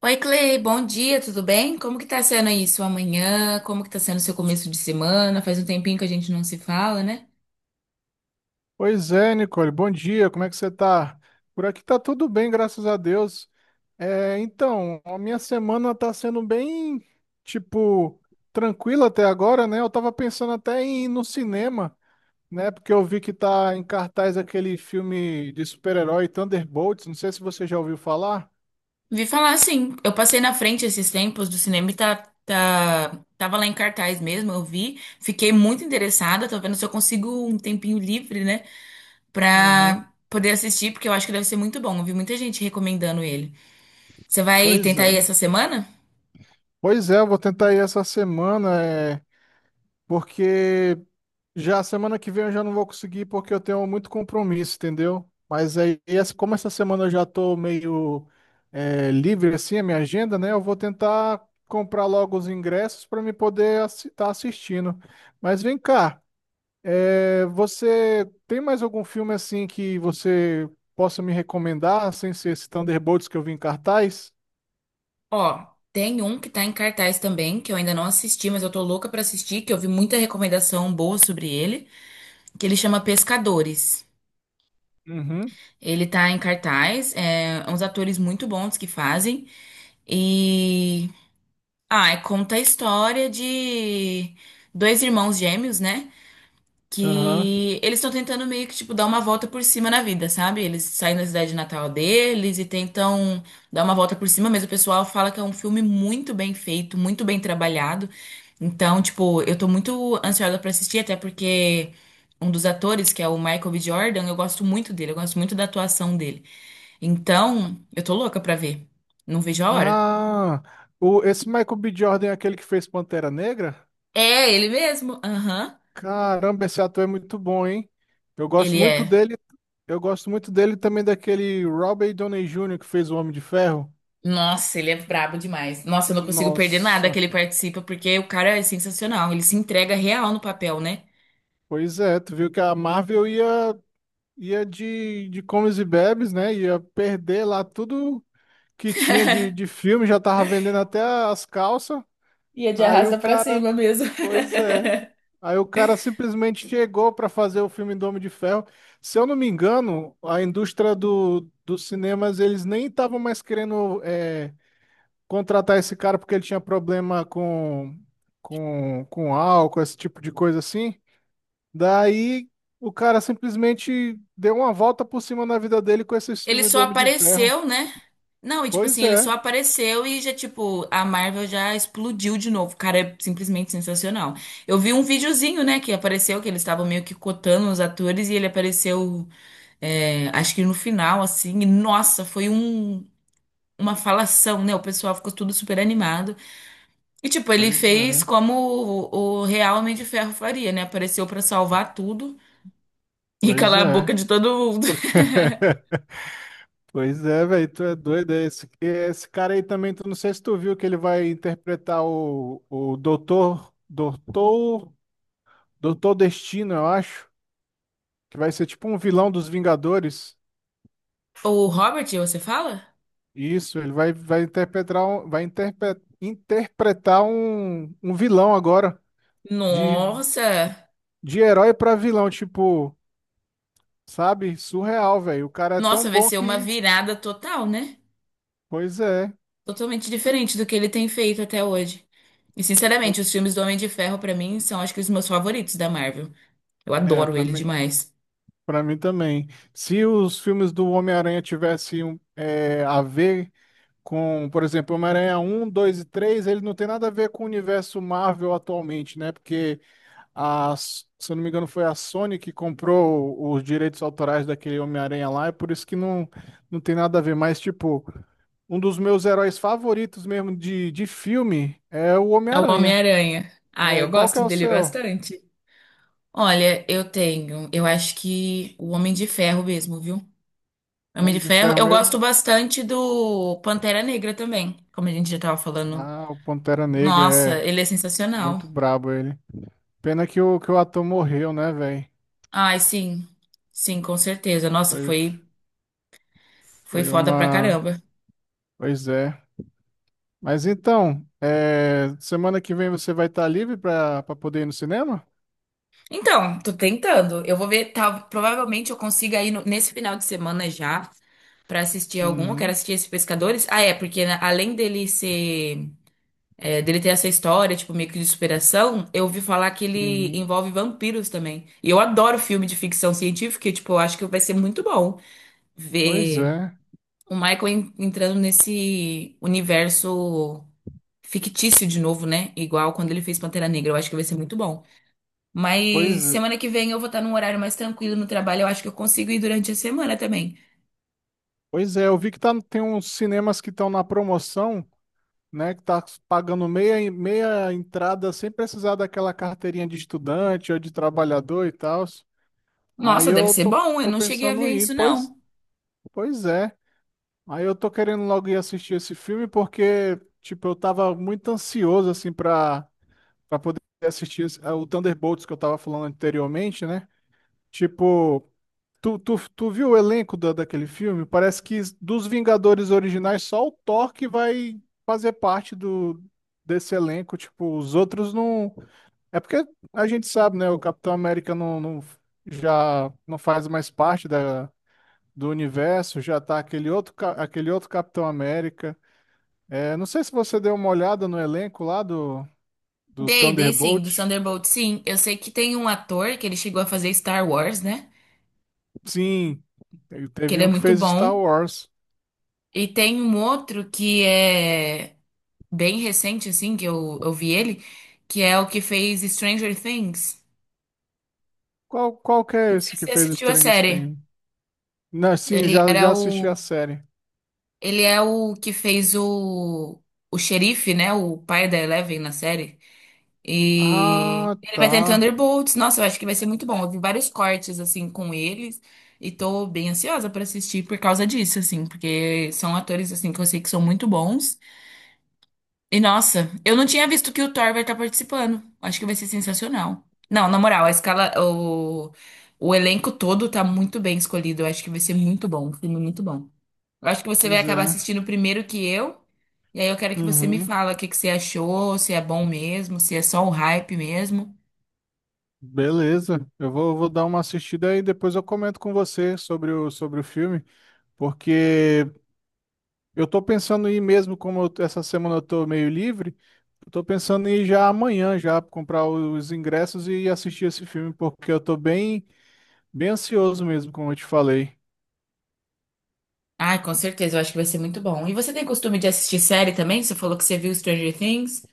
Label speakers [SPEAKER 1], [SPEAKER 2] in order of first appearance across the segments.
[SPEAKER 1] Oi, Clay, bom dia, tudo bem? Como que tá sendo aí sua manhã? Como que tá sendo seu começo de semana? Faz um tempinho que a gente não se fala, né?
[SPEAKER 2] Pois é, Nicole, bom dia, como é que você tá? Por aqui tá tudo bem, graças a Deus. A minha semana tá sendo bem, tipo, tranquila até agora, né? Eu tava pensando até em ir no cinema, né? Porque eu vi que tá em cartaz aquele filme de super-herói Thunderbolts, não sei se você já ouviu falar.
[SPEAKER 1] Vi falar sim, eu passei na frente esses tempos do cinema e tá, tava lá em cartaz mesmo, eu vi, fiquei muito interessada, tô vendo se eu consigo um tempinho livre, né,
[SPEAKER 2] Aham.
[SPEAKER 1] pra poder assistir, porque eu acho que deve ser muito bom. Eu vi muita gente recomendando ele. Você vai
[SPEAKER 2] Pois
[SPEAKER 1] tentar ir
[SPEAKER 2] é.
[SPEAKER 1] essa semana?
[SPEAKER 2] Pois é, eu vou tentar ir essa semana, porque já semana que vem eu já não vou conseguir porque eu tenho muito compromisso, entendeu? Mas aí, como essa semana eu já tô meio livre assim, a minha agenda, né? Eu vou tentar comprar logo os ingressos para me poder estar assistindo. Mas vem cá, você tem mais algum filme assim que você possa me recomendar, sem ser esse Thunderbolts que eu vi em cartaz?
[SPEAKER 1] Ó, tem um que tá em cartaz também, que eu ainda não assisti, mas eu tô louca pra assistir, que eu vi muita recomendação boa sobre ele, que ele chama Pescadores.
[SPEAKER 2] Uhum.
[SPEAKER 1] Ele tá em cartaz, é uns atores muito bons que fazem, e... Ah, e conta a história de dois irmãos gêmeos, né?
[SPEAKER 2] Aham.
[SPEAKER 1] Que eles estão tentando meio que, tipo, dar uma volta por cima na vida, sabe? Eles saem da cidade natal deles e tentam dar uma volta por cima, mas o pessoal fala que é um filme muito bem feito, muito bem trabalhado. Então, tipo, eu tô muito ansiosa pra assistir, até porque um dos atores, que é o Michael B. Jordan, eu gosto muito dele, eu gosto muito da atuação dele. Então, eu tô louca pra ver. Não vejo a hora.
[SPEAKER 2] Ah, esse Michael B. Jordan é aquele que fez Pantera Negra?
[SPEAKER 1] É, ele mesmo. Aham.
[SPEAKER 2] Caramba, esse ator é muito bom, hein? Eu gosto
[SPEAKER 1] Ele
[SPEAKER 2] muito
[SPEAKER 1] é.
[SPEAKER 2] dele. Eu gosto muito dele também, daquele Robert Downey Jr. que fez o Homem de Ferro.
[SPEAKER 1] Nossa, ele é brabo demais. Nossa, eu não consigo perder nada que
[SPEAKER 2] Nossa,
[SPEAKER 1] ele participa, porque o cara é sensacional. Ele se entrega real no papel, né?
[SPEAKER 2] pois é, tu viu que a Marvel ia de comes e bebes, né? Ia perder lá tudo que tinha de filme, já tava vendendo até as calças.
[SPEAKER 1] E é de
[SPEAKER 2] Aí o
[SPEAKER 1] arrasta pra
[SPEAKER 2] cara.
[SPEAKER 1] cima mesmo.
[SPEAKER 2] Pois é. Aí o cara simplesmente chegou para fazer o filme do Homem de Ferro. Se eu não me engano, a indústria dos cinemas, eles nem estavam mais querendo contratar esse cara porque ele tinha problema com álcool, esse tipo de coisa assim. Daí o cara simplesmente deu uma volta por cima na vida dele com esses
[SPEAKER 1] Ele
[SPEAKER 2] filmes
[SPEAKER 1] só
[SPEAKER 2] do Homem de Ferro.
[SPEAKER 1] apareceu, né? Não, e tipo
[SPEAKER 2] Pois
[SPEAKER 1] assim, ele só
[SPEAKER 2] é,
[SPEAKER 1] apareceu e já, tipo, a Marvel já explodiu de novo. O cara é simplesmente sensacional. Eu vi um videozinho, né, que apareceu, que eles estavam meio que cotando os atores e ele apareceu, acho que no final, assim, e nossa, foi um, uma falação, né? O pessoal ficou tudo super animado. E tipo, ele
[SPEAKER 2] pois
[SPEAKER 1] fez
[SPEAKER 2] é,
[SPEAKER 1] como o real Homem de Ferro faria, né? Apareceu pra salvar tudo e
[SPEAKER 2] pois
[SPEAKER 1] calar a
[SPEAKER 2] é.
[SPEAKER 1] boca de todo mundo.
[SPEAKER 2] Pois é, velho, tu é doido. Esse cara aí também, tu não sei se tu viu que ele vai interpretar o Doutor Destino, eu acho, que vai ser tipo um vilão dos Vingadores.
[SPEAKER 1] O Robert, você fala?
[SPEAKER 2] Isso, ele vai interpretar, interpretar um vilão agora, de,
[SPEAKER 1] Nossa!
[SPEAKER 2] de herói pra vilão, tipo, sabe? Surreal, velho. O cara é tão
[SPEAKER 1] Nossa, vai
[SPEAKER 2] bom
[SPEAKER 1] ser uma
[SPEAKER 2] que,
[SPEAKER 1] virada total, né?
[SPEAKER 2] pois é,
[SPEAKER 1] Totalmente diferente do que ele tem feito até hoje. E
[SPEAKER 2] eu,
[SPEAKER 1] sinceramente, os filmes do Homem de Ferro pra mim são acho que os meus favoritos da Marvel. Eu
[SPEAKER 2] é,
[SPEAKER 1] adoro
[SPEAKER 2] para
[SPEAKER 1] ele demais.
[SPEAKER 2] pra mim também. Se os filmes do Homem-Aranha tivessem a ver com, por exemplo, Homem-Aranha um, 2 e 3, ele não tem nada a ver com o universo Marvel atualmente, né? Porque, a, se eu não me engano, foi a Sony que comprou os direitos autorais daquele Homem-Aranha lá, é por isso que não tem nada a ver. Mas, tipo, um dos meus heróis favoritos mesmo de filme é o
[SPEAKER 1] É o
[SPEAKER 2] Homem-Aranha.
[SPEAKER 1] Homem-Aranha. Ah,
[SPEAKER 2] É,
[SPEAKER 1] eu
[SPEAKER 2] qual que é
[SPEAKER 1] gosto
[SPEAKER 2] o
[SPEAKER 1] dele
[SPEAKER 2] seu?
[SPEAKER 1] bastante. Olha, eu tenho, eu acho que o Homem de Ferro mesmo, viu?
[SPEAKER 2] O
[SPEAKER 1] Homem
[SPEAKER 2] Homem
[SPEAKER 1] de
[SPEAKER 2] de
[SPEAKER 1] Ferro.
[SPEAKER 2] Ferro
[SPEAKER 1] Eu
[SPEAKER 2] mesmo?
[SPEAKER 1] gosto bastante do Pantera Negra também, como a gente já tava falando.
[SPEAKER 2] Ah, o Pantera Negra,
[SPEAKER 1] Nossa,
[SPEAKER 2] é
[SPEAKER 1] ele é
[SPEAKER 2] muito
[SPEAKER 1] sensacional.
[SPEAKER 2] brabo ele. Pena que o ator morreu, né, velho?
[SPEAKER 1] Ai, sim. Sim, com certeza. Nossa,
[SPEAKER 2] Foi,
[SPEAKER 1] foi
[SPEAKER 2] foi
[SPEAKER 1] foda pra
[SPEAKER 2] uma.
[SPEAKER 1] caramba.
[SPEAKER 2] Pois é. Mas então, semana que vem você vai estar livre para poder ir no cinema?
[SPEAKER 1] Então, tô tentando. Eu vou ver, tá, provavelmente eu consiga ir nesse final de semana já pra assistir algum. Eu quero
[SPEAKER 2] Uhum,
[SPEAKER 1] assistir esse Pescadores. Ah, é, porque né, além dele ser dele ter essa história, tipo, meio que de superação, eu ouvi falar que ele
[SPEAKER 2] uhum.
[SPEAKER 1] envolve vampiros também. E eu adoro filme de ficção científica, e, tipo, eu acho que vai ser muito bom
[SPEAKER 2] Pois
[SPEAKER 1] ver
[SPEAKER 2] é.
[SPEAKER 1] o entrando nesse universo fictício de novo, né? Igual quando ele fez Pantera Negra, eu acho que vai ser muito bom. Mas
[SPEAKER 2] Pois,
[SPEAKER 1] semana que vem eu vou estar num horário mais tranquilo no trabalho, eu acho que eu consigo ir durante a semana também.
[SPEAKER 2] pois é, eu vi que tá, tem uns cinemas que estão na promoção, né? Que tá pagando meia entrada sem precisar daquela carteirinha de estudante ou de trabalhador e tal. Aí
[SPEAKER 1] Nossa, deve
[SPEAKER 2] eu
[SPEAKER 1] ser
[SPEAKER 2] tô,
[SPEAKER 1] bom, eu
[SPEAKER 2] tô
[SPEAKER 1] não cheguei a
[SPEAKER 2] pensando
[SPEAKER 1] ver
[SPEAKER 2] em ir.
[SPEAKER 1] isso, não.
[SPEAKER 2] Pois é. Aí eu tô querendo logo ir assistir esse filme porque, tipo, eu tava muito ansioso, assim, pra poder assistir ah, o Thunderbolts que eu tava falando anteriormente, né? Tipo, tu viu o elenco daquele filme? Parece que dos Vingadores originais, só o Thor que vai fazer parte desse elenco. Tipo, os outros não. É porque a gente sabe, né? O Capitão América não, já não faz mais parte do universo, já tá aquele outro, aquele outro Capitão América. É, não sei se você deu uma olhada no elenco lá do
[SPEAKER 1] Dei, dei sim, do
[SPEAKER 2] Thunderbolt.
[SPEAKER 1] Thunderbolt, sim. Eu sei que tem um ator que ele chegou a fazer Star Wars, né?
[SPEAKER 2] Sim, ele
[SPEAKER 1] Que
[SPEAKER 2] teve
[SPEAKER 1] ele é
[SPEAKER 2] um que
[SPEAKER 1] muito
[SPEAKER 2] fez Star
[SPEAKER 1] bom.
[SPEAKER 2] Wars.
[SPEAKER 1] E tem um outro que é bem recente, assim, que eu vi ele, que é o que fez Stranger Things.
[SPEAKER 2] Qual que é
[SPEAKER 1] Não sei
[SPEAKER 2] esse
[SPEAKER 1] se
[SPEAKER 2] que
[SPEAKER 1] você
[SPEAKER 2] fez o
[SPEAKER 1] assistiu a
[SPEAKER 2] Stranger
[SPEAKER 1] série.
[SPEAKER 2] Things? Não, sim,
[SPEAKER 1] Ele era
[SPEAKER 2] já assisti a
[SPEAKER 1] o.
[SPEAKER 2] série.
[SPEAKER 1] Ele é o que fez o. O xerife, né? O pai da Eleven na série. E
[SPEAKER 2] Ah,
[SPEAKER 1] ele vai estar em
[SPEAKER 2] tá.
[SPEAKER 1] Thunderbolts. Nossa, eu acho que vai ser muito bom. Eu vi vários cortes, assim, com eles. E tô bem ansiosa pra assistir por causa disso, assim. Porque são atores, assim, que eu sei que são muito bons. E nossa, eu não tinha visto que o Thor vai estar participando. Acho que vai ser sensacional. Não, na moral, a escala, o elenco todo tá muito bem escolhido. Eu acho que vai ser muito bom, um filme muito bom. Eu acho que você vai
[SPEAKER 2] Pois
[SPEAKER 1] acabar
[SPEAKER 2] é.
[SPEAKER 1] assistindo primeiro que eu. E aí eu quero que você me
[SPEAKER 2] Uhum.
[SPEAKER 1] fala o que que você achou, se é bom mesmo, se é só um hype mesmo.
[SPEAKER 2] Beleza. Vou dar uma assistida e depois eu comento com você sobre sobre o filme, porque eu tô pensando em ir mesmo, essa semana eu tô meio livre. Eu tô pensando em ir já amanhã já comprar os ingressos e assistir esse filme, porque eu tô bem ansioso mesmo, como eu te falei.
[SPEAKER 1] Ai, com certeza, eu acho que vai ser muito bom. E você tem costume de assistir série também? Você falou que você viu Stranger Things?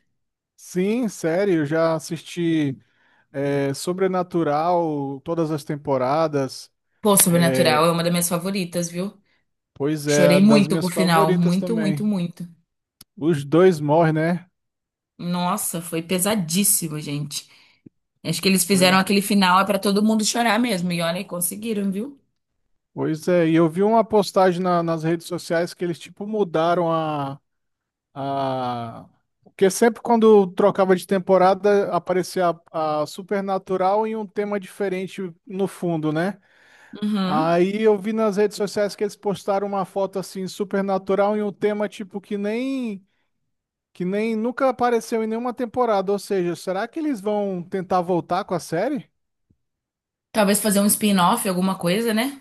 [SPEAKER 2] Sim, sério, eu já assisti Sobrenatural, todas as temporadas.
[SPEAKER 1] Pô, Sobrenatural é uma das minhas favoritas, viu?
[SPEAKER 2] Pois é,
[SPEAKER 1] Chorei
[SPEAKER 2] das
[SPEAKER 1] muito com o
[SPEAKER 2] minhas
[SPEAKER 1] final,
[SPEAKER 2] favoritas
[SPEAKER 1] muito, muito,
[SPEAKER 2] também.
[SPEAKER 1] muito.
[SPEAKER 2] Os dois morrem, né?
[SPEAKER 1] Nossa, foi pesadíssimo, gente. Acho que eles fizeram
[SPEAKER 2] Pois,
[SPEAKER 1] aquele final é pra todo mundo chorar mesmo. E olha, conseguiram, viu?
[SPEAKER 2] pois é, e eu vi uma postagem nas redes sociais que eles tipo mudaram a. Ah, porque sempre quando trocava de temporada aparecia a Supernatural em um tema diferente no fundo, né?
[SPEAKER 1] Uhum.
[SPEAKER 2] Aí eu vi nas redes sociais que eles postaram uma foto assim, Supernatural em um tema tipo que nem nunca apareceu em nenhuma temporada. Ou seja, será que eles vão tentar voltar com a série?
[SPEAKER 1] Talvez fazer um spin-off, alguma coisa, né?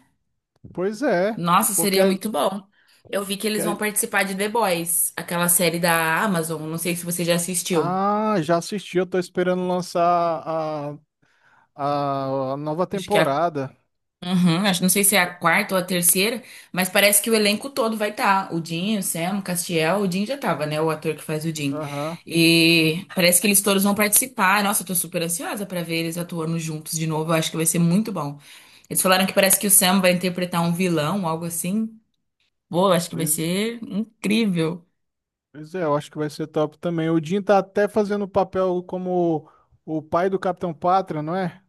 [SPEAKER 2] Pois é,
[SPEAKER 1] Nossa, seria
[SPEAKER 2] porque
[SPEAKER 1] muito bom. Eu vi que eles vão
[SPEAKER 2] que-
[SPEAKER 1] participar de The Boys, aquela série da Amazon. Não sei se você já assistiu.
[SPEAKER 2] ah, já assisti, eu tô esperando lançar a nova
[SPEAKER 1] Acho que é a
[SPEAKER 2] temporada.
[SPEAKER 1] Uhum, acho, não sei se
[SPEAKER 2] Acho
[SPEAKER 1] é
[SPEAKER 2] que
[SPEAKER 1] a
[SPEAKER 2] é.
[SPEAKER 1] quarta ou a terceira, mas parece que o elenco todo vai estar. O Dinho, o Sam, o Castiel, o Dinho já tava, né? O ator que faz o Dinho.
[SPEAKER 2] Aham.
[SPEAKER 1] E parece que eles todos vão participar. Nossa, eu tô super ansiosa pra ver eles atuando juntos de novo. Eu acho que vai ser muito bom. Eles falaram que parece que o Sam vai interpretar um vilão, algo assim. Pô, eu acho que vai
[SPEAKER 2] Pois,
[SPEAKER 1] ser incrível.
[SPEAKER 2] pois é, eu acho que vai ser top também. O Jim tá até fazendo o papel como o pai do Capitão Pátria, não é?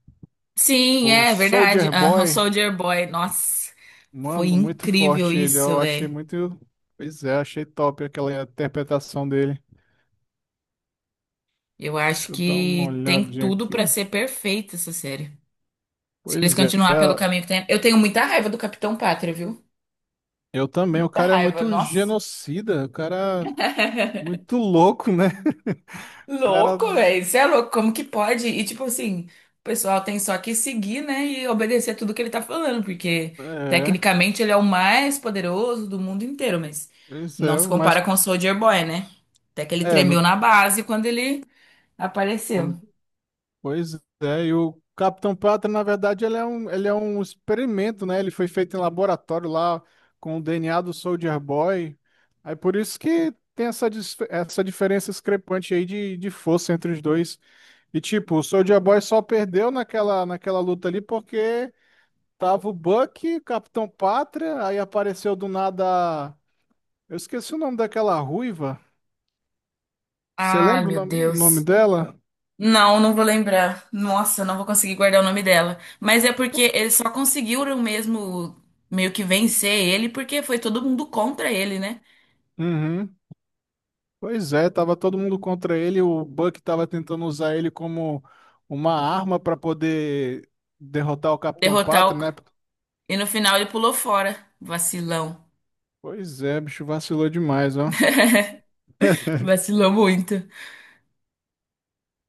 [SPEAKER 1] Sim,
[SPEAKER 2] O
[SPEAKER 1] é verdade.
[SPEAKER 2] Soldier
[SPEAKER 1] Ah, o
[SPEAKER 2] Boy.
[SPEAKER 1] Soldier Boy, nossa, foi
[SPEAKER 2] Mano, muito
[SPEAKER 1] incrível
[SPEAKER 2] forte ele.
[SPEAKER 1] isso,
[SPEAKER 2] Eu achei
[SPEAKER 1] velho.
[SPEAKER 2] muito. Pois é, achei top aquela interpretação dele.
[SPEAKER 1] Eu acho
[SPEAKER 2] Deixa eu dar uma
[SPEAKER 1] que tem
[SPEAKER 2] olhadinha
[SPEAKER 1] tudo pra
[SPEAKER 2] aqui.
[SPEAKER 1] ser perfeita essa série. Se eles
[SPEAKER 2] Pois é,
[SPEAKER 1] continuar pelo caminho que tem. Eu tenho muita raiva do Capitão Pátria, viu?
[SPEAKER 2] eu também. O
[SPEAKER 1] Muita
[SPEAKER 2] cara é
[SPEAKER 1] raiva,
[SPEAKER 2] muito
[SPEAKER 1] nossa.
[SPEAKER 2] genocida. O cara é muito louco, né? O cara.
[SPEAKER 1] Louco, velho. Isso é louco. Como que pode? E tipo assim, o pessoal tem só que seguir, né? E obedecer tudo que ele tá falando, porque
[SPEAKER 2] É,
[SPEAKER 1] tecnicamente ele é o mais poderoso do mundo inteiro, mas
[SPEAKER 2] pois
[SPEAKER 1] não
[SPEAKER 2] é,
[SPEAKER 1] se
[SPEAKER 2] mas.
[SPEAKER 1] compara com o Soldier Boy, né? Até que ele
[SPEAKER 2] É, no.
[SPEAKER 1] tremeu na base quando ele apareceu.
[SPEAKER 2] Pois é, e o Capitão Pátria, na verdade, ele é um experimento, né? Ele foi feito em laboratório lá com o DNA do Soldier Boy. Aí por isso que tem essa, essa diferença discrepante aí de força entre os dois. E tipo, o Soldier Boy só perdeu naquela luta ali porque tava o Bucky, o Capitão Pátria, aí apareceu do nada. Eu esqueci o nome daquela ruiva. Você
[SPEAKER 1] Ai,
[SPEAKER 2] lembra
[SPEAKER 1] meu
[SPEAKER 2] o nome
[SPEAKER 1] Deus.
[SPEAKER 2] dela?
[SPEAKER 1] Não, não vou lembrar. Nossa, eu não vou conseguir guardar o nome dela. Mas é porque eles só conseguiram mesmo meio que vencer ele porque foi todo mundo contra ele, né?
[SPEAKER 2] Uhum. Pois é, tava todo mundo contra ele, o Buck tava tentando usar ele como uma arma para poder derrotar o Capitão
[SPEAKER 1] Derrotar o...
[SPEAKER 2] Pátria, né?
[SPEAKER 1] E no final ele pulou fora. Vacilão.
[SPEAKER 2] Pois é, bicho vacilou demais, ó.
[SPEAKER 1] Vacilou muito.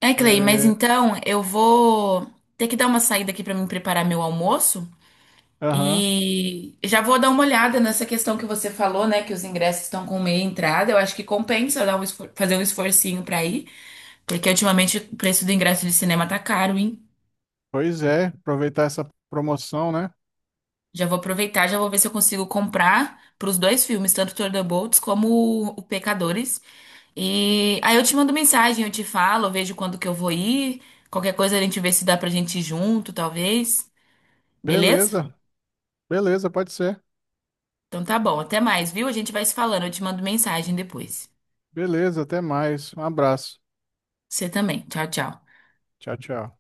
[SPEAKER 1] É, Clay, mas
[SPEAKER 2] É,
[SPEAKER 1] então eu vou ter que dar uma saída aqui pra mim preparar meu almoço
[SPEAKER 2] aham.
[SPEAKER 1] e já vou dar uma olhada nessa questão que você falou, né, que os ingressos estão com meia entrada. Eu acho que compensa dar um fazer um esforcinho pra ir. Porque ultimamente o preço do ingresso de cinema tá caro, hein?
[SPEAKER 2] Pois é, aproveitar essa promoção, né?
[SPEAKER 1] Já vou aproveitar, já vou ver se eu consigo comprar pros dois filmes, tanto Thunderbolts como o Pecadores. E aí eu te mando mensagem, eu te falo, eu vejo quando que eu vou ir. Qualquer coisa a gente vê se dá pra gente ir junto, talvez. Beleza?
[SPEAKER 2] Beleza, beleza, pode ser.
[SPEAKER 1] Então tá bom, até mais, viu? A gente vai se falando, eu te mando mensagem depois.
[SPEAKER 2] Beleza, até mais. Um abraço.
[SPEAKER 1] Você também. Tchau, tchau.
[SPEAKER 2] Tchau, tchau.